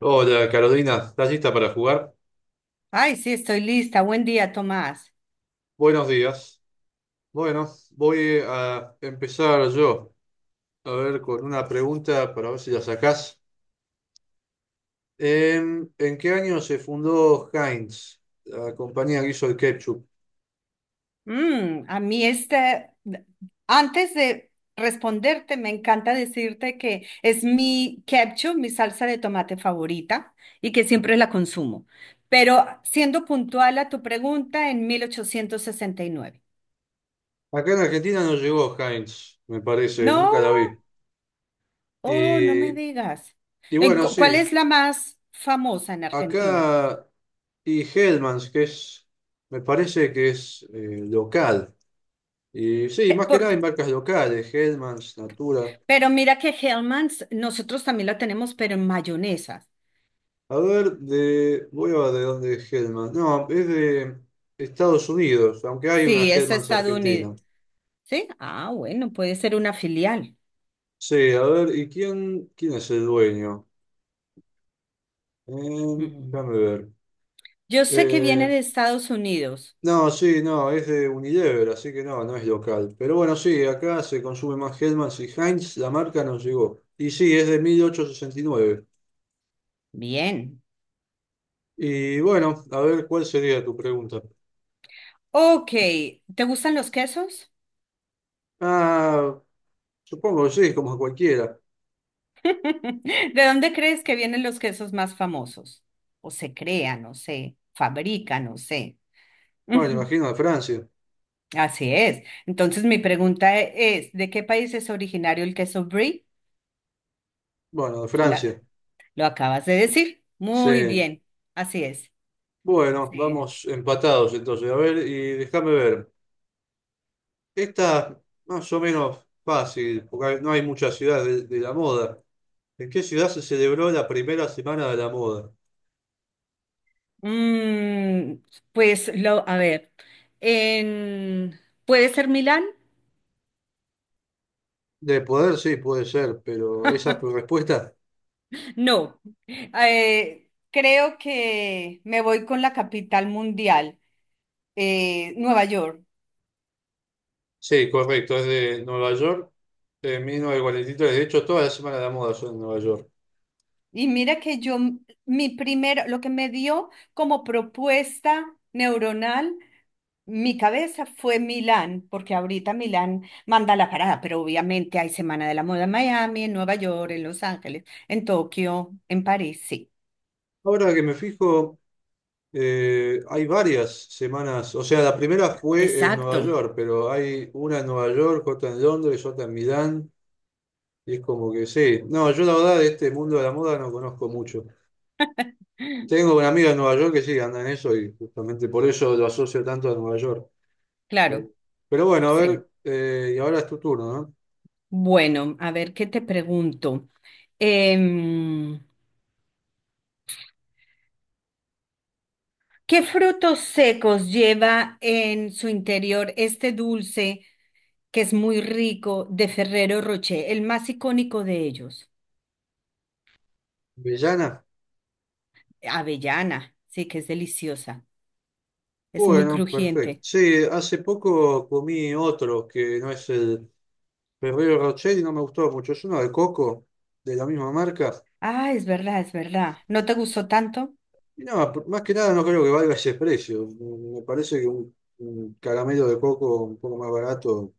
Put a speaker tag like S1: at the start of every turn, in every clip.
S1: Hola Carolina, ¿estás lista para jugar?
S2: Ay, sí, estoy lista. Buen día, Tomás.
S1: Buenos días. Bueno, voy a empezar yo, a ver, con una pregunta para ver si la sacás. ¿En qué año se fundó Heinz, la compañía que hizo el ketchup?
S2: Mm, a mí este, antes de responderte, me encanta decirte que es mi ketchup, mi salsa de tomate favorita y que siempre la consumo. Pero siendo puntual a tu pregunta, en 1869.
S1: Acá en Argentina no llegó Heinz, me parece, nunca la
S2: No,
S1: vi.
S2: oh, no
S1: Y,
S2: me digas.
S1: y bueno,
S2: ¿Cuál
S1: sí,
S2: es la más famosa en Argentina?
S1: acá y Hellmann's, que es, me parece que es local. Y sí,
S2: Je-
S1: más que
S2: por-
S1: nada hay marcas locales, Hellmann's, Natura.
S2: pero mira que Hellmann's, nosotros también la tenemos, pero en mayonesa.
S1: A ver, de. Voy a ver de dónde es Hellman. No, es de Estados Unidos, aunque hay una
S2: Sí, es
S1: Hellmann's
S2: estadounidense.
S1: argentina.
S2: Sí, ah, bueno, puede ser una filial.
S1: Sí, a ver, ¿y quién es el dueño?
S2: Mm.
S1: Déjame ver.
S2: Yo sé que viene
S1: Eh,
S2: de Estados Unidos.
S1: no, sí, no, es de Unilever, así que no, no es local. Pero bueno, sí, acá se consume más Hellmann's y Heinz, la marca nos llegó. Y sí, es de 1869.
S2: Bien.
S1: Y nueve. Y bueno, a ver, ¿cuál sería tu pregunta?
S2: Ok, ¿te gustan los quesos?
S1: Ah, supongo que sí, como cualquiera.
S2: ¿De dónde crees que vienen los quesos más famosos? O se crean, o se fabrican, o sé.
S1: Bueno,
S2: Ujú,
S1: imagino de Francia.
S2: así es. Entonces mi pregunta es, ¿de qué país es originario el queso brie?
S1: Bueno, de
S2: Tú la-
S1: Francia.
S2: lo acabas de decir. Muy
S1: Sí,
S2: bien, así es.
S1: bueno,
S2: Sí.
S1: vamos empatados entonces. A ver, y déjame ver. Esta más o menos fácil, porque no hay muchas ciudades de la moda. ¿En qué ciudad se celebró la primera semana de la moda?
S2: Mm, pues lo, a ver, en- ¿puede ser Milán?
S1: De poder, sí, puede ser, pero ¿esa es tu respuesta?
S2: No, creo que me voy con la capital mundial, Nueva York.
S1: Sí, correcto, es de Nueva York, en 1943. De hecho, todas las semanas de la moda son en Nueva York.
S2: Y mira que yo, mi primero, lo que me dio como propuesta neuronal, mi cabeza fue Milán, porque ahorita Milán manda la parada, pero obviamente hay Semana de la Moda en Miami, en Nueva York, en Los Ángeles, en Tokio, en París, sí.
S1: Ahora que me fijo, hay varias semanas, o sea, la primera fue en Nueva
S2: Exacto.
S1: York, pero hay una en Nueva York, otra en Londres, otra en Milán, y es como que sí. No, yo la verdad de este mundo de la moda no conozco mucho. Tengo una amiga en Nueva York que sí anda en eso y justamente por eso lo asocio tanto a Nueva York.
S2: Claro,
S1: Pero bueno, a
S2: sí.
S1: ver, y ahora es tu turno, ¿no?
S2: Bueno, a ver, ¿qué te pregunto? Em, ¿Qué frutos secos lleva en su interior este dulce que es muy rico de Ferrero Rocher, el más icónico de ellos?
S1: ¿Vellana?
S2: Avellana, sí, que es deliciosa, es muy
S1: Bueno, perfecto.
S2: crujiente.
S1: Sí, hace poco comí otro que no es el Ferrero Rocher y no me gustó mucho. Es uno de coco, de la misma marca.
S2: Ah, es verdad, es verdad. ¿No te gustó tanto?
S1: Y nada, más que nada no creo que valga ese precio. Me parece que un caramelo de coco un poco más barato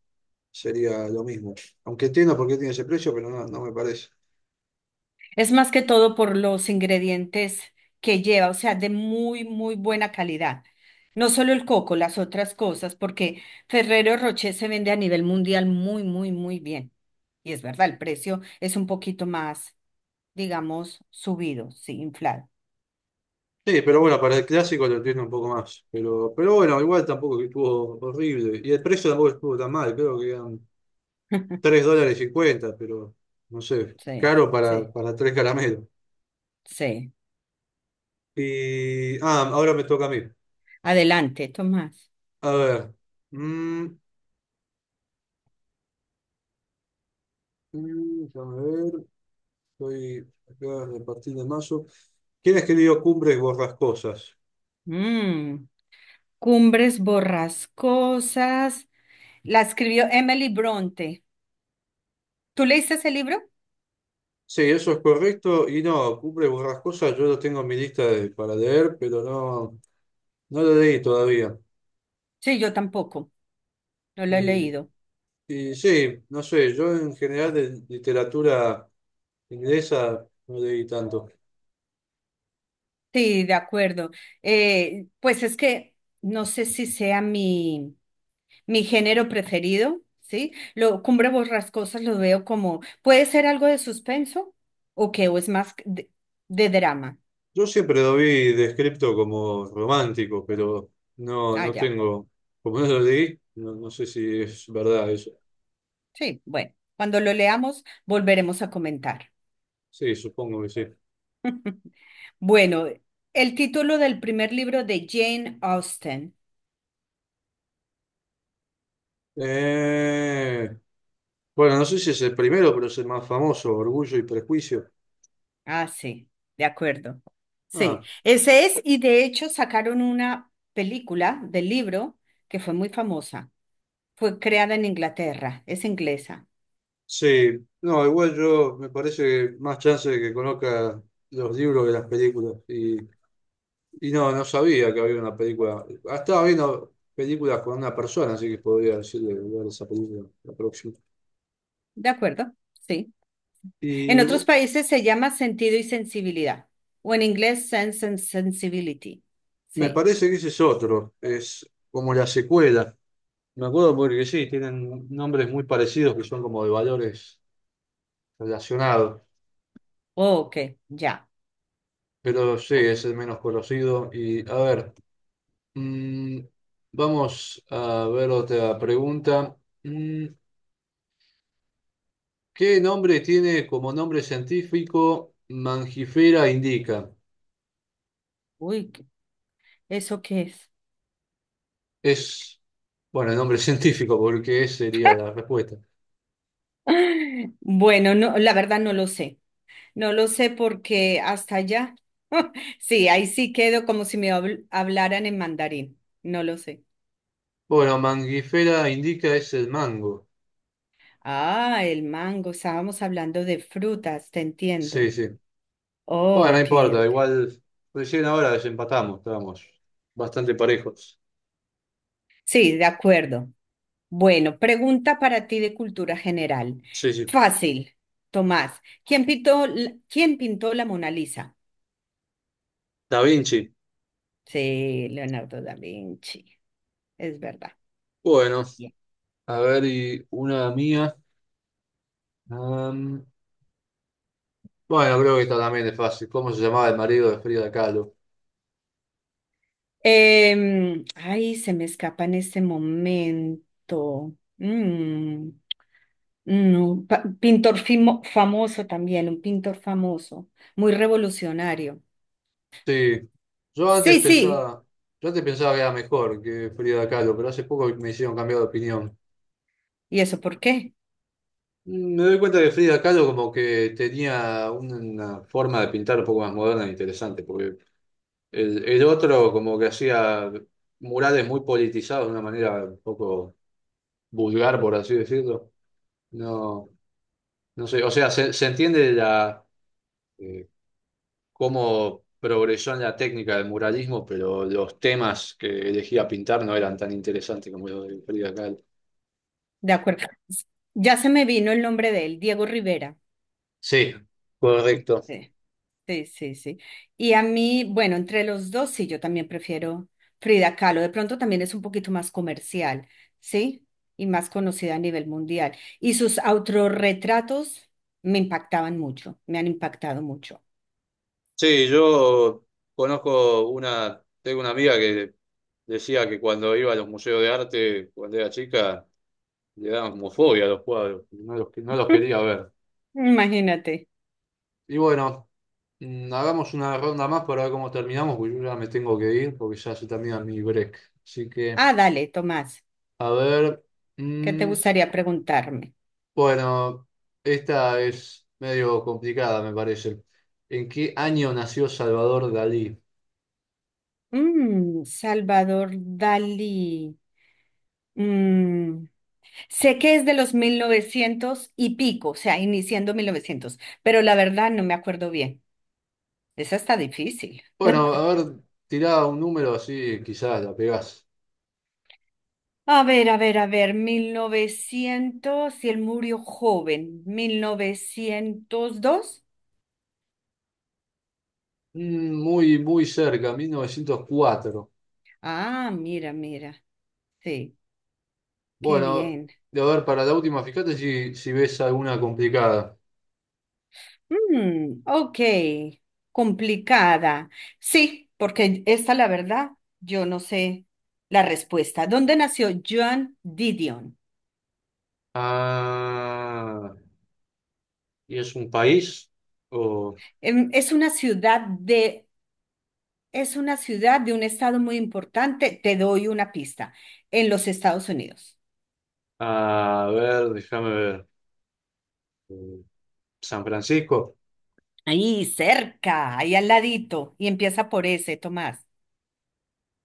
S1: sería lo mismo. Aunque entiendo por qué tiene ese precio, pero no, no me parece.
S2: Es más que todo por los ingredientes que lleva, o sea, de muy, muy buena calidad. No solo el coco, las otras cosas, porque Ferrero Rocher se vende a nivel mundial muy, muy, muy bien. Y es verdad, el precio es un poquito más, digamos, subido, sí, inflado.
S1: Sí, pero bueno, para el clásico lo entiendo un poco más. Pero bueno, igual tampoco que estuvo horrible. Y el precio tampoco estuvo tan mal, creo que eran $3 cincuenta, pero no sé,
S2: Sí,
S1: caro para,
S2: sí,
S1: para tres caramelos.
S2: sí.
S1: Y, ahora me toca a mí.
S2: Adelante, Tomás.
S1: A ver. mm, Déjame ver. Estoy acá a partir de mayo. ¿Quién escribió Cumbres Borrascosas?
S2: Mm, Cumbres borrascosas. La escribió Emily Bronte. ¿Tú leíste ese libro?
S1: Sí, eso es correcto. Y no, Cumbres Borrascosas yo lo tengo en mi lista para leer, pero no, no lo leí todavía.
S2: Sí, yo tampoco. No lo he
S1: Y,
S2: leído.
S1: y sí, no sé, yo en general de literatura inglesa no leí tanto.
S2: Sí, de acuerdo. Pues es que no sé si sea mi género preferido, ¿sí? Lo, Cumbre Borrascosas lo veo como, puede ser algo de suspenso o que o es más de drama.
S1: Yo siempre lo vi descrito como romántico, pero no,
S2: Ah,
S1: no
S2: ya.
S1: tengo, como no lo leí, no, no sé si es verdad eso.
S2: Sí, bueno. Cuando lo leamos, volveremos a comentar.
S1: Sí, supongo que sí.
S2: Bueno, el título del primer libro de Jane Austen.
S1: Eh, Bueno, no sé si es el primero, pero es el más famoso, Orgullo y Prejuicio.
S2: Ah, sí, de acuerdo. Sí,
S1: Ah,
S2: ese es, y de hecho sacaron una película del libro que fue muy famosa. Fue creada en Inglaterra, es inglesa.
S1: sí. No, igual yo me parece que más chance de que conozca los libros que las películas. Y no, no sabía que había una película. Ah, estaba viendo películas con una persona, así que podría decirle ver esa película la próxima.
S2: De acuerdo, sí. En
S1: Y
S2: otros países se llama sentido y sensibilidad, o en inglés sense and sensibility.
S1: me
S2: Sí.
S1: parece que ese es otro. Es como la secuela. Me acuerdo porque sí, tienen nombres muy parecidos que son como de valores relacionados.
S2: Oh, ok, ya.
S1: Pero sí,
S2: Bu-
S1: es el menos conocido. Y a ver, mm, vamos a ver otra pregunta. Mm, ¿Qué nombre tiene como nombre científico Mangifera indica?
S2: Uy, ¿eso qué es?
S1: Es, bueno, el nombre científico, porque esa sería la respuesta.
S2: Bueno, no, la verdad no lo sé. No lo sé porque hasta allá. Sí, ahí sí quedo como si me hablaran en mandarín. No lo sé.
S1: Bueno, Mangifera indica es el mango.
S2: Ah, el mango. Estábamos hablando de frutas, te
S1: Sí,
S2: entiendo.
S1: sí.
S2: Oh,
S1: Bueno, no
S2: ok.
S1: importa,
S2: Ok.
S1: igual recién ahora desempatamos, estábamos bastante parejos.
S2: Sí, de acuerdo. Bueno, pregunta para ti de cultura general.
S1: Sí, sí.
S2: Fácil, Tomás. ¿Quién pintó la Mona Lisa?
S1: Da Vinci.
S2: Sí, Leonardo da Vinci. Es verdad.
S1: Bueno, a ver, y una mía. Am, bueno, creo que esta también es fácil. ¿Cómo se llamaba el marido de Frida Kahlo?
S2: Ay, se me escapa en este momento. Mm, no, pintor famoso también, un pintor famoso, muy revolucionario.
S1: Sí, yo antes
S2: Sí, sí.
S1: pensaba, yo antes pensaba que era mejor que Frida Kahlo, pero hace poco me hicieron cambiar de opinión.
S2: ¿Y eso por qué?
S1: Me doy cuenta que Frida Kahlo como que tenía una forma de pintar un poco más moderna e interesante, porque el otro como que hacía murales muy politizados de una manera un poco vulgar, por así decirlo. No, no sé, o sea, se entiende eh, cómo progresó en la técnica del muralismo, pero los temas que elegía pintar no eran tan interesantes como los de Frida Kahlo.
S2: De acuerdo. Ya se me vino el nombre de él, Diego Rivera.
S1: Sí, correcto.
S2: Sí, sí, sí, sí. Y a mí, bueno, entre los dos, sí, yo también prefiero Frida Kahlo. De pronto también es un poquito más comercial, ¿sí? Y más conocida a nivel mundial. Y sus autorretratos me impactaban mucho, me han impactado mucho.
S1: Sí, yo conozco una, tengo una amiga que decía que cuando iba a los museos de arte, cuando era chica, le daban como fobia a los cuadros, no los quería ver.
S2: Imagínate.
S1: Y bueno, hagamos una ronda más para ver cómo terminamos, porque yo ya me tengo que ir, porque ya se termina mi break. Así que,
S2: Ah, dale, Tomás,
S1: a ver.
S2: ¿qué te gustaría preguntarme?
S1: Bueno, esta es medio complicada, me parece. ¿En qué año nació Salvador Dalí?
S2: Mm, Salvador Dalí. Mm, Sé que es de los 1900 y pico, o sea, iniciando 1900, pero la verdad no me acuerdo bien. Esa está difícil.
S1: Bueno, a ver, tirá un número así, quizás la pegás.
S2: A ver, a ver, a ver, 1900, y él murió joven, 1902.
S1: Muy, muy cerca, 1904.
S2: Ah, mira, mira. Sí, qué
S1: Bueno,
S2: bien.
S1: a ver, para la última, fíjate si ves alguna complicada.
S2: Mm, ok, complicada. Sí, porque esta, la verdad, yo no sé la respuesta. ¿Dónde nació Joan Didion?
S1: Ah, ¿y es un país? O,
S2: Em, Es una ciudad de Es una ciudad de un estado muy importante. Te doy una pista. En los Estados Unidos.
S1: a ver, déjame ver. ¿San Francisco?
S2: Ahí cerca, ahí al ladito. Y empieza por ese, Tomás.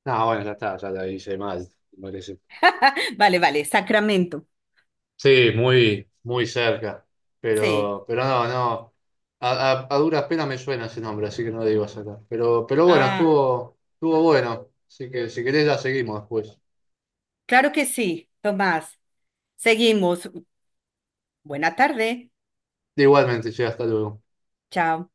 S1: No, bueno, ya está, ya la hice mal, me parece.
S2: Vale, vale, Sacramento.
S1: Sí, muy, muy cerca.
S2: Sí.
S1: Pero no, no. A duras penas me suena ese nombre, así que no lo digo acá. Pero bueno,
S2: Ah,
S1: estuvo bueno. Así que si querés ya seguimos después.
S2: claro que sí, Tomás. Seguimos. Buena tarde.
S1: Igualmente, che, hasta luego.
S2: Chao.